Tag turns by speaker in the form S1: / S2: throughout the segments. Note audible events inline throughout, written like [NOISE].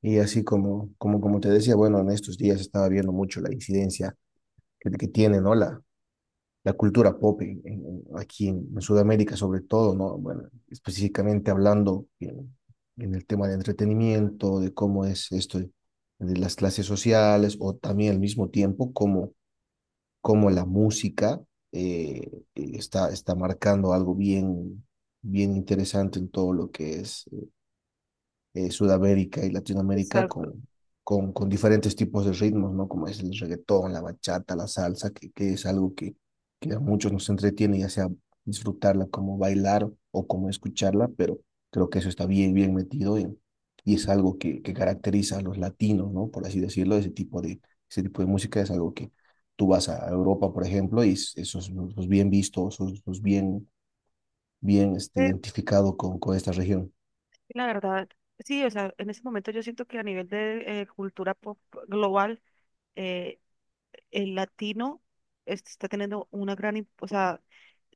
S1: Y así como te decía, bueno, en estos días estaba viendo mucho la incidencia que tiene, ¿no? La cultura pop aquí en Sudamérica, sobre todo, ¿no? Bueno, específicamente hablando en el tema de entretenimiento, de cómo es esto de las clases sociales, o también al mismo tiempo cómo, cómo la música eh, está marcando algo bien interesante en todo lo que es Sudamérica y Latinoamérica
S2: Exacto.
S1: con diferentes tipos de ritmos, ¿no? Como es el reggaetón, la bachata, la salsa, que es algo que a muchos nos entretiene, ya sea disfrutarla como bailar o como escucharla, pero creo que eso está bien metido en, y es algo que caracteriza a los latinos, ¿no? Por así decirlo, ese tipo de música es algo que tú vas a Europa, por ejemplo, y eso es bien visto, eso es bien, bien este,
S2: Eh,
S1: identificado con esta región.
S2: la verdad, sí, o sea, en ese momento yo siento que a nivel de cultura pop global, eh, el latino está teniendo una gran, o sea,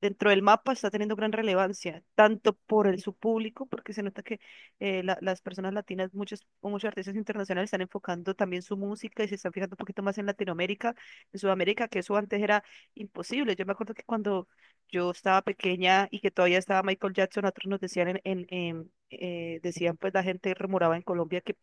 S2: dentro del mapa está teniendo gran relevancia, tanto por el, su público, porque se nota que las personas latinas, muchos artistas internacionales están enfocando también su música y se están fijando un poquito más en Latinoamérica, en Sudamérica, que eso antes era imposible. Yo me acuerdo que cuando yo estaba pequeña y que todavía estaba Michael Jackson, otros nos decían decían pues la gente rumoraba en Colombia que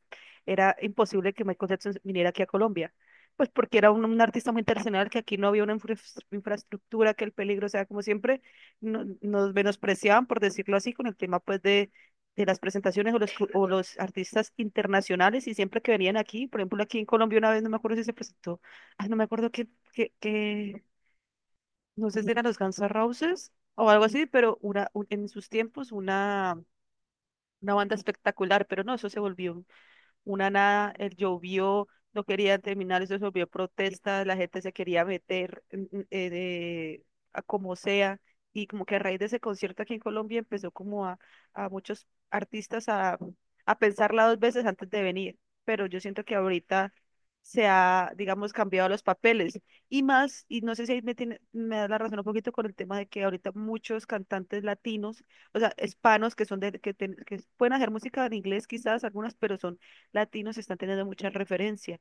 S2: era imposible que Michael Jackson viniera aquí a Colombia pues porque era un artista muy internacional, que aquí no había una infraestructura, que el peligro, o sea, como siempre, nos menospreciaban, por decirlo así, con el tema pues de las presentaciones o los artistas internacionales, y siempre que venían aquí, por ejemplo, aquí en Colombia una vez, no me acuerdo si se presentó, ay, no me acuerdo qué no sé si eran los Guns N' Roses o algo así, pero en sus tiempos una banda espectacular, pero no, eso se volvió una nada, el llovió, no quería terminar, eso se volvió protesta, la gente se quería meter a como sea, y como que a raíz de ese concierto aquí en Colombia empezó como a muchos artistas a pensarla dos veces antes de venir, pero yo siento que ahorita se ha, digamos, cambiado los papeles. Y más, y no sé si ahí me da la razón un poquito con el tema de que ahorita muchos cantantes latinos, o sea, hispanos que son de, que pueden hacer música en inglés quizás algunas, pero son latinos están teniendo mucha referencia.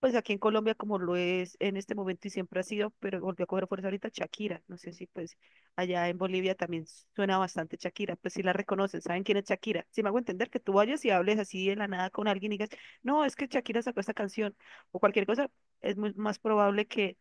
S2: Pues aquí en Colombia, como lo es en este momento y siempre ha sido, pero volvió a coger fuerza ahorita Shakira. No sé si pues allá en Bolivia también suena bastante Shakira, pues sí la reconocen, saben quién es Shakira. Si me hago entender que tú vayas y hables así de la nada con alguien y digas, no, es que Shakira sacó esta canción o cualquier cosa, es muy más probable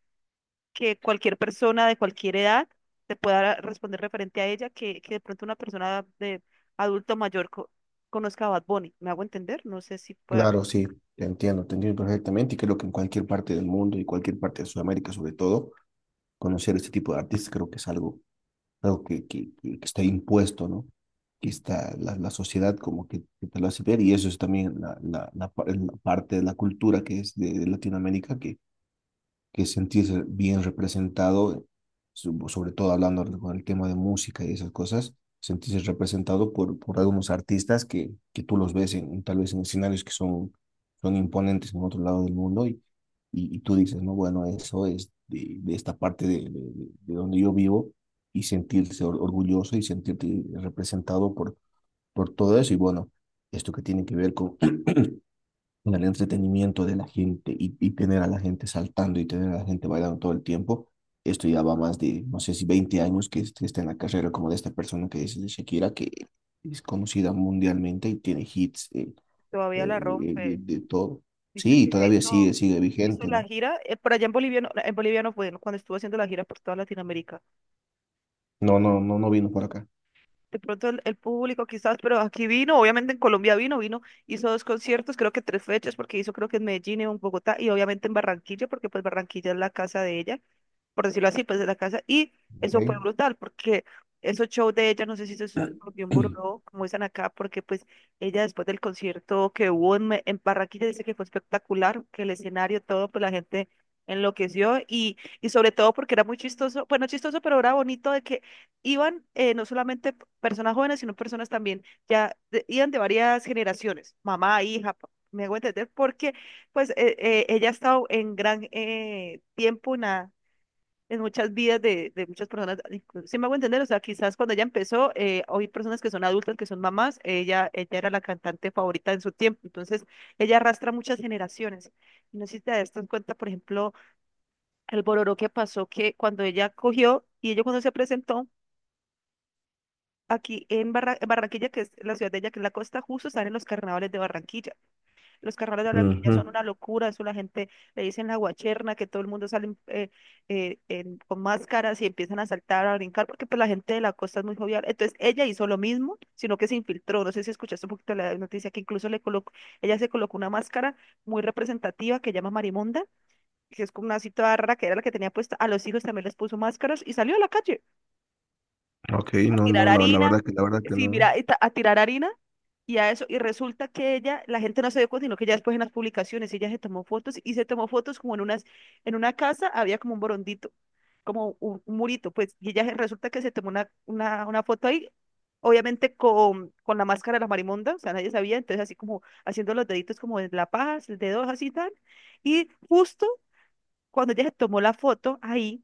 S2: que cualquier persona de cualquier edad te pueda responder referente a ella que de pronto una persona de adulto mayor conozca a Bad Bunny. ¿Me hago entender? No sé si pueda.
S1: Claro, sí, te entiendo perfectamente y creo que en cualquier parte del mundo y cualquier parte de Sudamérica sobre todo, conocer este tipo de artistas creo que es algo, algo que está impuesto, ¿no? Que está la sociedad como que te lo hace ver y eso es también la parte de la cultura que es de Latinoamérica que sentirse bien representado, sobre todo hablando con el tema de música y esas cosas, sentirse representado por algunos artistas que tú los ves en, tal vez en escenarios que son, son imponentes en otro lado del mundo y tú dices, no, bueno, eso es de esta parte de donde yo vivo y sentirse orgulloso y sentirte representado por todo eso y bueno, esto que tiene que ver con [CLEARS THROAT] en el entretenimiento de la gente y tener a la gente saltando y tener a la gente bailando todo el tiempo. Esto ya va más de, no sé si 20 años que está en la carrera como de esta persona que es de Shakira, que es conocida mundialmente y tiene hits
S2: Todavía la
S1: de,
S2: rompe.
S1: de todo.
S2: Viste
S1: Sí,
S2: que ya
S1: todavía sigue,
S2: hizo,
S1: sigue
S2: hizo
S1: vigente,
S2: la
S1: ¿no?
S2: gira, por allá en Bolivia no fue, ¿no? Cuando estuvo haciendo la gira por toda Latinoamérica.
S1: No, no, no, no vino por acá.
S2: De pronto el público quizás, pero aquí vino, obviamente en Colombia vino, hizo dos conciertos, creo que tres fechas, porque hizo creo que en Medellín, en Bogotá y obviamente en Barranquilla, porque pues Barranquilla es la casa de ella, por decirlo así, pues de la casa. Y eso
S1: Okay.
S2: fue brutal, porque esos shows de ella, no sé si eso se volvió un
S1: [CLEARS THROAT]
S2: borró, como dicen acá, porque pues ella después del concierto que hubo en, en Barranquilla dice que fue espectacular, que el escenario, todo, pues la gente enloqueció y sobre todo porque era muy chistoso, bueno, chistoso, pero era bonito de que iban no solamente personas jóvenes, sino personas también, ya iban de varias generaciones, mamá, hija, me hago entender, porque pues ella ha estado en gran tiempo en muchas vidas de muchas personas. Si me hago entender, o sea, quizás cuando ella empezó, hoy personas que son adultas, que son mamás, ella era la cantante favorita en su tiempo, entonces ella arrastra muchas generaciones. No sé si te das cuenta, por ejemplo, el bororó que pasó, que cuando ella cogió y ella cuando se presentó aquí en Barranquilla, que es la ciudad de ella, que es la costa, justo están en los carnavales de Barranquilla. Los carnavales de Barranquilla son
S1: Ujú.
S2: una locura, eso la gente le dicen la guacherna, que todo el mundo sale con máscaras y empiezan a saltar, a brincar, porque pues la gente de la costa es muy jovial. Entonces ella hizo lo mismo, sino que se infiltró. No sé si escuchaste un poquito la noticia que incluso le colocó, ella se colocó una máscara muy representativa que llama Marimonda, que es como una así toda rara que era la que tenía puesta. A los hijos también les puso máscaras y salió a la calle
S1: Ok,
S2: a
S1: no,
S2: tirar
S1: no, la,
S2: harina.
S1: la verdad que
S2: Sí,
S1: no.
S2: mira, y a tirar harina y a eso, y resulta que ella, la gente no se dio cuenta, sino que ya después en las publicaciones ella se tomó fotos y se tomó fotos como en unas, en una casa había como un borondito, como un murito, pues, y ella resulta que se tomó una foto ahí, obviamente con la máscara de la marimonda, o sea, nadie sabía, entonces así como haciendo los deditos como de la paja, el dedo así tal, y justo cuando ella se tomó la foto ahí,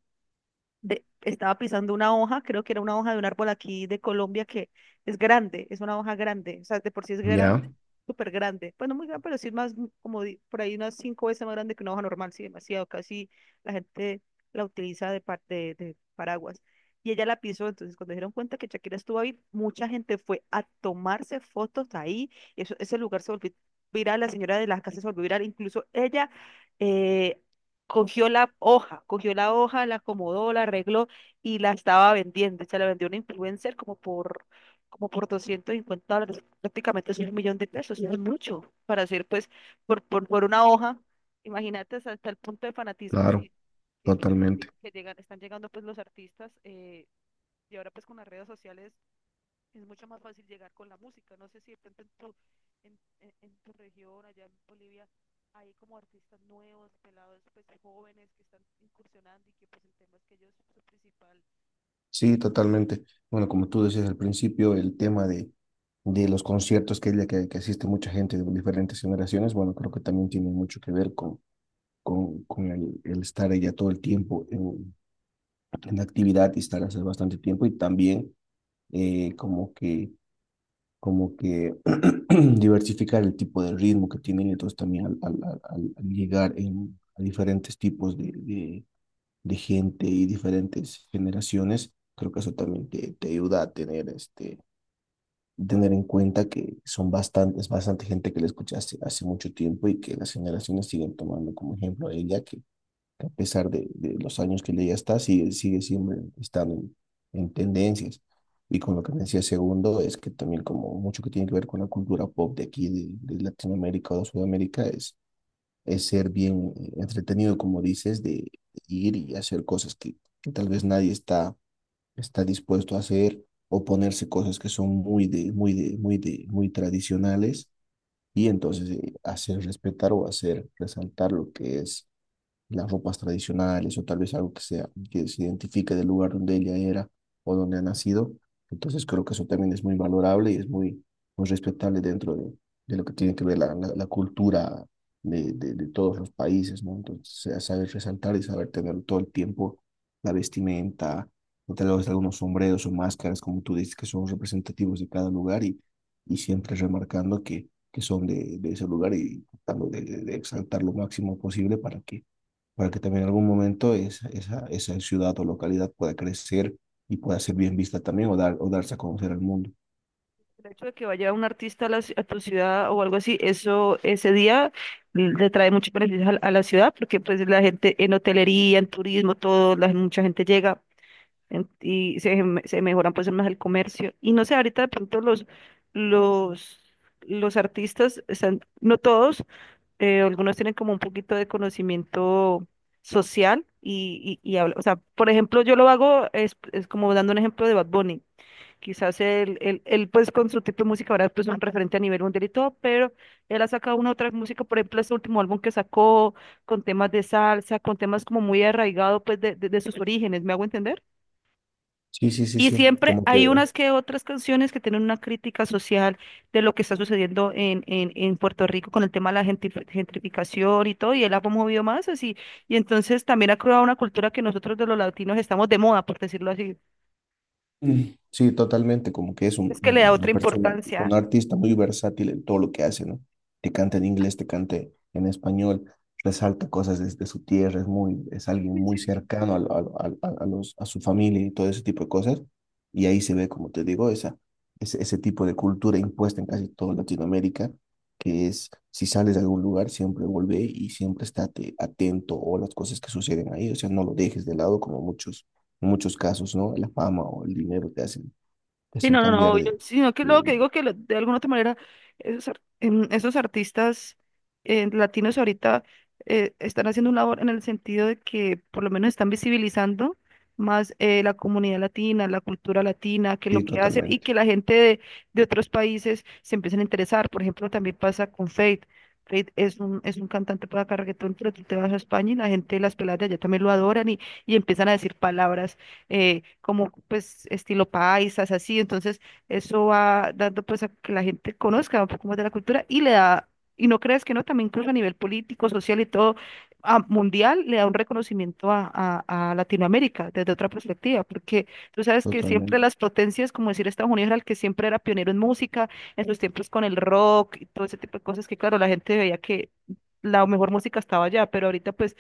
S2: estaba pisando una hoja, creo que era una hoja de un árbol aquí de Colombia que es grande, es una hoja grande, o sea, de por sí es
S1: Ya,
S2: grande, súper grande. Bueno, muy grande, pero sí es más, como por ahí unas cinco veces más grande que una hoja normal, sí, demasiado, casi la gente la utiliza de, de paraguas. Y ella la pisó, entonces cuando se dieron cuenta que Shakira estuvo ahí, mucha gente fue a tomarse fotos ahí, eso, ese lugar se volvió viral, la señora de las casas se volvió viral, incluso ella eh, cogió la hoja, la acomodó, la arregló y la estaba vendiendo. Se la vendió a un influencer como por $250, prácticamente es un millón de pesos, no es mucho para hacer pues por una hoja. Imagínate es hasta el punto de fanatismo
S1: claro,
S2: que, que, que- que-
S1: totalmente.
S2: que llegan, están llegando pues los artistas y ahora pues con las redes sociales es mucho más fácil llegar con la música. No sé si de pronto en tu, en tu región, allá en Bolivia, hay como artistas nuevos, pelados, pues jóvenes que están incursionando y que pues el tema es que ellos, su principal. eh,
S1: Sí, totalmente. Bueno, como tú decías al principio, el tema de los conciertos que asiste mucha gente de diferentes generaciones, bueno, creo que también tiene mucho que ver con, con el estar ella todo el tiempo en actividad y estar hace bastante tiempo y también eh, como que, como que [CLEARS THROAT] diversificar el tipo de ritmo que tienen, entonces también al llegar en, a diferentes tipos de gente y diferentes generaciones, creo que eso también te ayuda a tener, este, tener en cuenta que son bastantes, bastante gente que la escucha hace, hace mucho tiempo y que las generaciones siguen tomando como ejemplo a ella, que a pesar de los años que ella ya está, sigue, sigue siempre estando en tendencias. Y con lo que me decía segundo, es que también como mucho que tiene que ver con la cultura pop de aquí, de Latinoamérica o de Sudamérica, es ser bien entretenido, como dices, de ir y hacer cosas que tal vez nadie está dispuesto a hacer o ponerse cosas que son muy tradicionales y entonces hacer respetar o hacer resaltar lo que es las ropas tradicionales o tal vez algo que sea, que se identifique del lugar donde ella era o donde ha nacido. Entonces creo que eso también es muy valorable y es muy, muy respetable dentro de lo que tiene que ver la cultura de todos los países, ¿no? Entonces, sea saber resaltar y saber tener todo el tiempo la vestimenta, o tal vez algunos sombreros o máscaras, como tú dices, que son representativos de cada lugar y siempre remarcando que son de ese lugar y tratando de de exaltar lo máximo posible para que también en algún momento esa, esa, esa ciudad o localidad pueda crecer y pueda ser bien vista también o, dar, o darse a conocer al mundo.
S2: El hecho de que vaya un artista a, la a tu ciudad o algo así, eso ese día le trae muchos beneficios a la ciudad porque pues la gente en hotelería, en turismo, todo, la, mucha gente llega. Y se mejoran pues más el comercio. Y no sé, ahorita de pronto los, los artistas están, no todos, algunos tienen como un poquito de conocimiento social o sea, por ejemplo, yo lo hago, es, como dando un ejemplo de Bad Bunny. Quizás pues con su tipo de música ahora pues un referente a nivel mundial y todo, pero él ha sacado una otra música, por ejemplo, este último álbum que sacó con temas de salsa, con temas como muy arraigado pues de, de sus orígenes, ¿me hago entender?
S1: Sí, sí, sí,
S2: Y
S1: sí,
S2: siempre
S1: como que.
S2: hay unas que otras canciones que tienen una crítica social de lo que está sucediendo en Puerto Rico con el tema de la gentrificación y todo, y él ha promovido más así. Y entonces también ha creado una cultura que nosotros de los latinos estamos de moda, por decirlo así.
S1: Mm. Sí, totalmente, como que es
S2: Es que le da
S1: una
S2: otra
S1: persona, un
S2: importancia.
S1: artista muy versátil en todo lo que hace, ¿no? Te canta en inglés, te cante en español, resalta cosas desde su tierra, es muy, es alguien muy cercano a, a los, a su familia y todo ese tipo de cosas. Y ahí se ve, como te digo, esa, ese tipo de cultura impuesta en casi toda Latinoamérica, que es, si sales de algún lugar, siempre vuelve y siempre estate atento o las cosas que suceden ahí, o sea, no lo dejes de lado como muchos en muchos casos, ¿no? La fama o el dinero te
S2: Sí,
S1: hacen
S2: no, no,
S1: cambiar
S2: no,
S1: de,
S2: sí, no, que lo que
S1: de-
S2: digo de alguna otra manera esos artistas latinos ahorita están haciendo un labor en el sentido de que por lo menos están visibilizando más la comunidad latina, la cultura latina, que lo
S1: Sí,
S2: que hacen y
S1: totalmente,
S2: que la gente de, otros países se empiecen a interesar. Por ejemplo, también pasa con Faith. Faith es un cantante para acá reggaetón, pero tú te vas a España y la gente, las peladas de allá también lo adoran y empiezan a decir palabras como pues estilo paisas, así. Entonces, eso va dando pues a que la gente conozca un poco más de la cultura y le da, y no creas que no, también incluso a nivel político, social y todo, mundial, le da un reconocimiento a Latinoamérica desde otra perspectiva, porque tú sabes que siempre
S1: totalmente,
S2: las potencias, como decir Estados Unidos, era el que siempre era pionero en música, en sus tiempos con el rock y todo ese tipo de cosas que, claro, la gente veía que la mejor música estaba allá, pero ahorita pues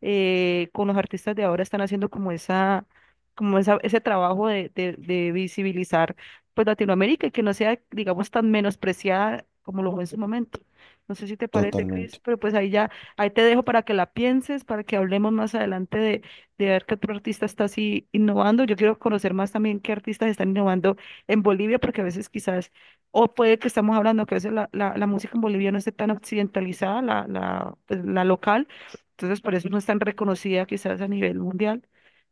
S2: con los artistas de ahora están haciendo ese trabajo de visibilizar pues Latinoamérica y que no sea, digamos, tan menospreciada como lo fue en su momento. No sé si te parece, Cris,
S1: totalmente.
S2: pero pues ahí ya, ahí te dejo para que la pienses, para que hablemos más adelante de ver qué otro artista está así innovando. Yo quiero conocer más también qué artistas están innovando en Bolivia, porque a veces quizás, o puede que estamos hablando que a veces la música en Bolivia no esté tan occidentalizada, la local entonces, por eso no es tan reconocida quizás a nivel mundial,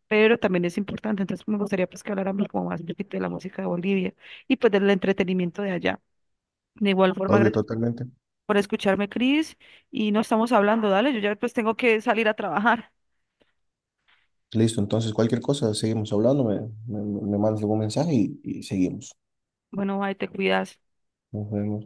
S2: pero también es importante. Entonces, me gustaría pues que habláramos como más un poquito de la música de Bolivia y pues del entretenimiento de allá. De igual forma,
S1: Obvio,
S2: gracias
S1: totalmente.
S2: por escucharme, Cris, y no estamos hablando, dale, yo ya pues tengo que salir a trabajar.
S1: Listo, entonces cualquier cosa, seguimos hablando, me mandas algún mensaje y seguimos.
S2: Bueno, ahí te cuidas.
S1: Nos vemos.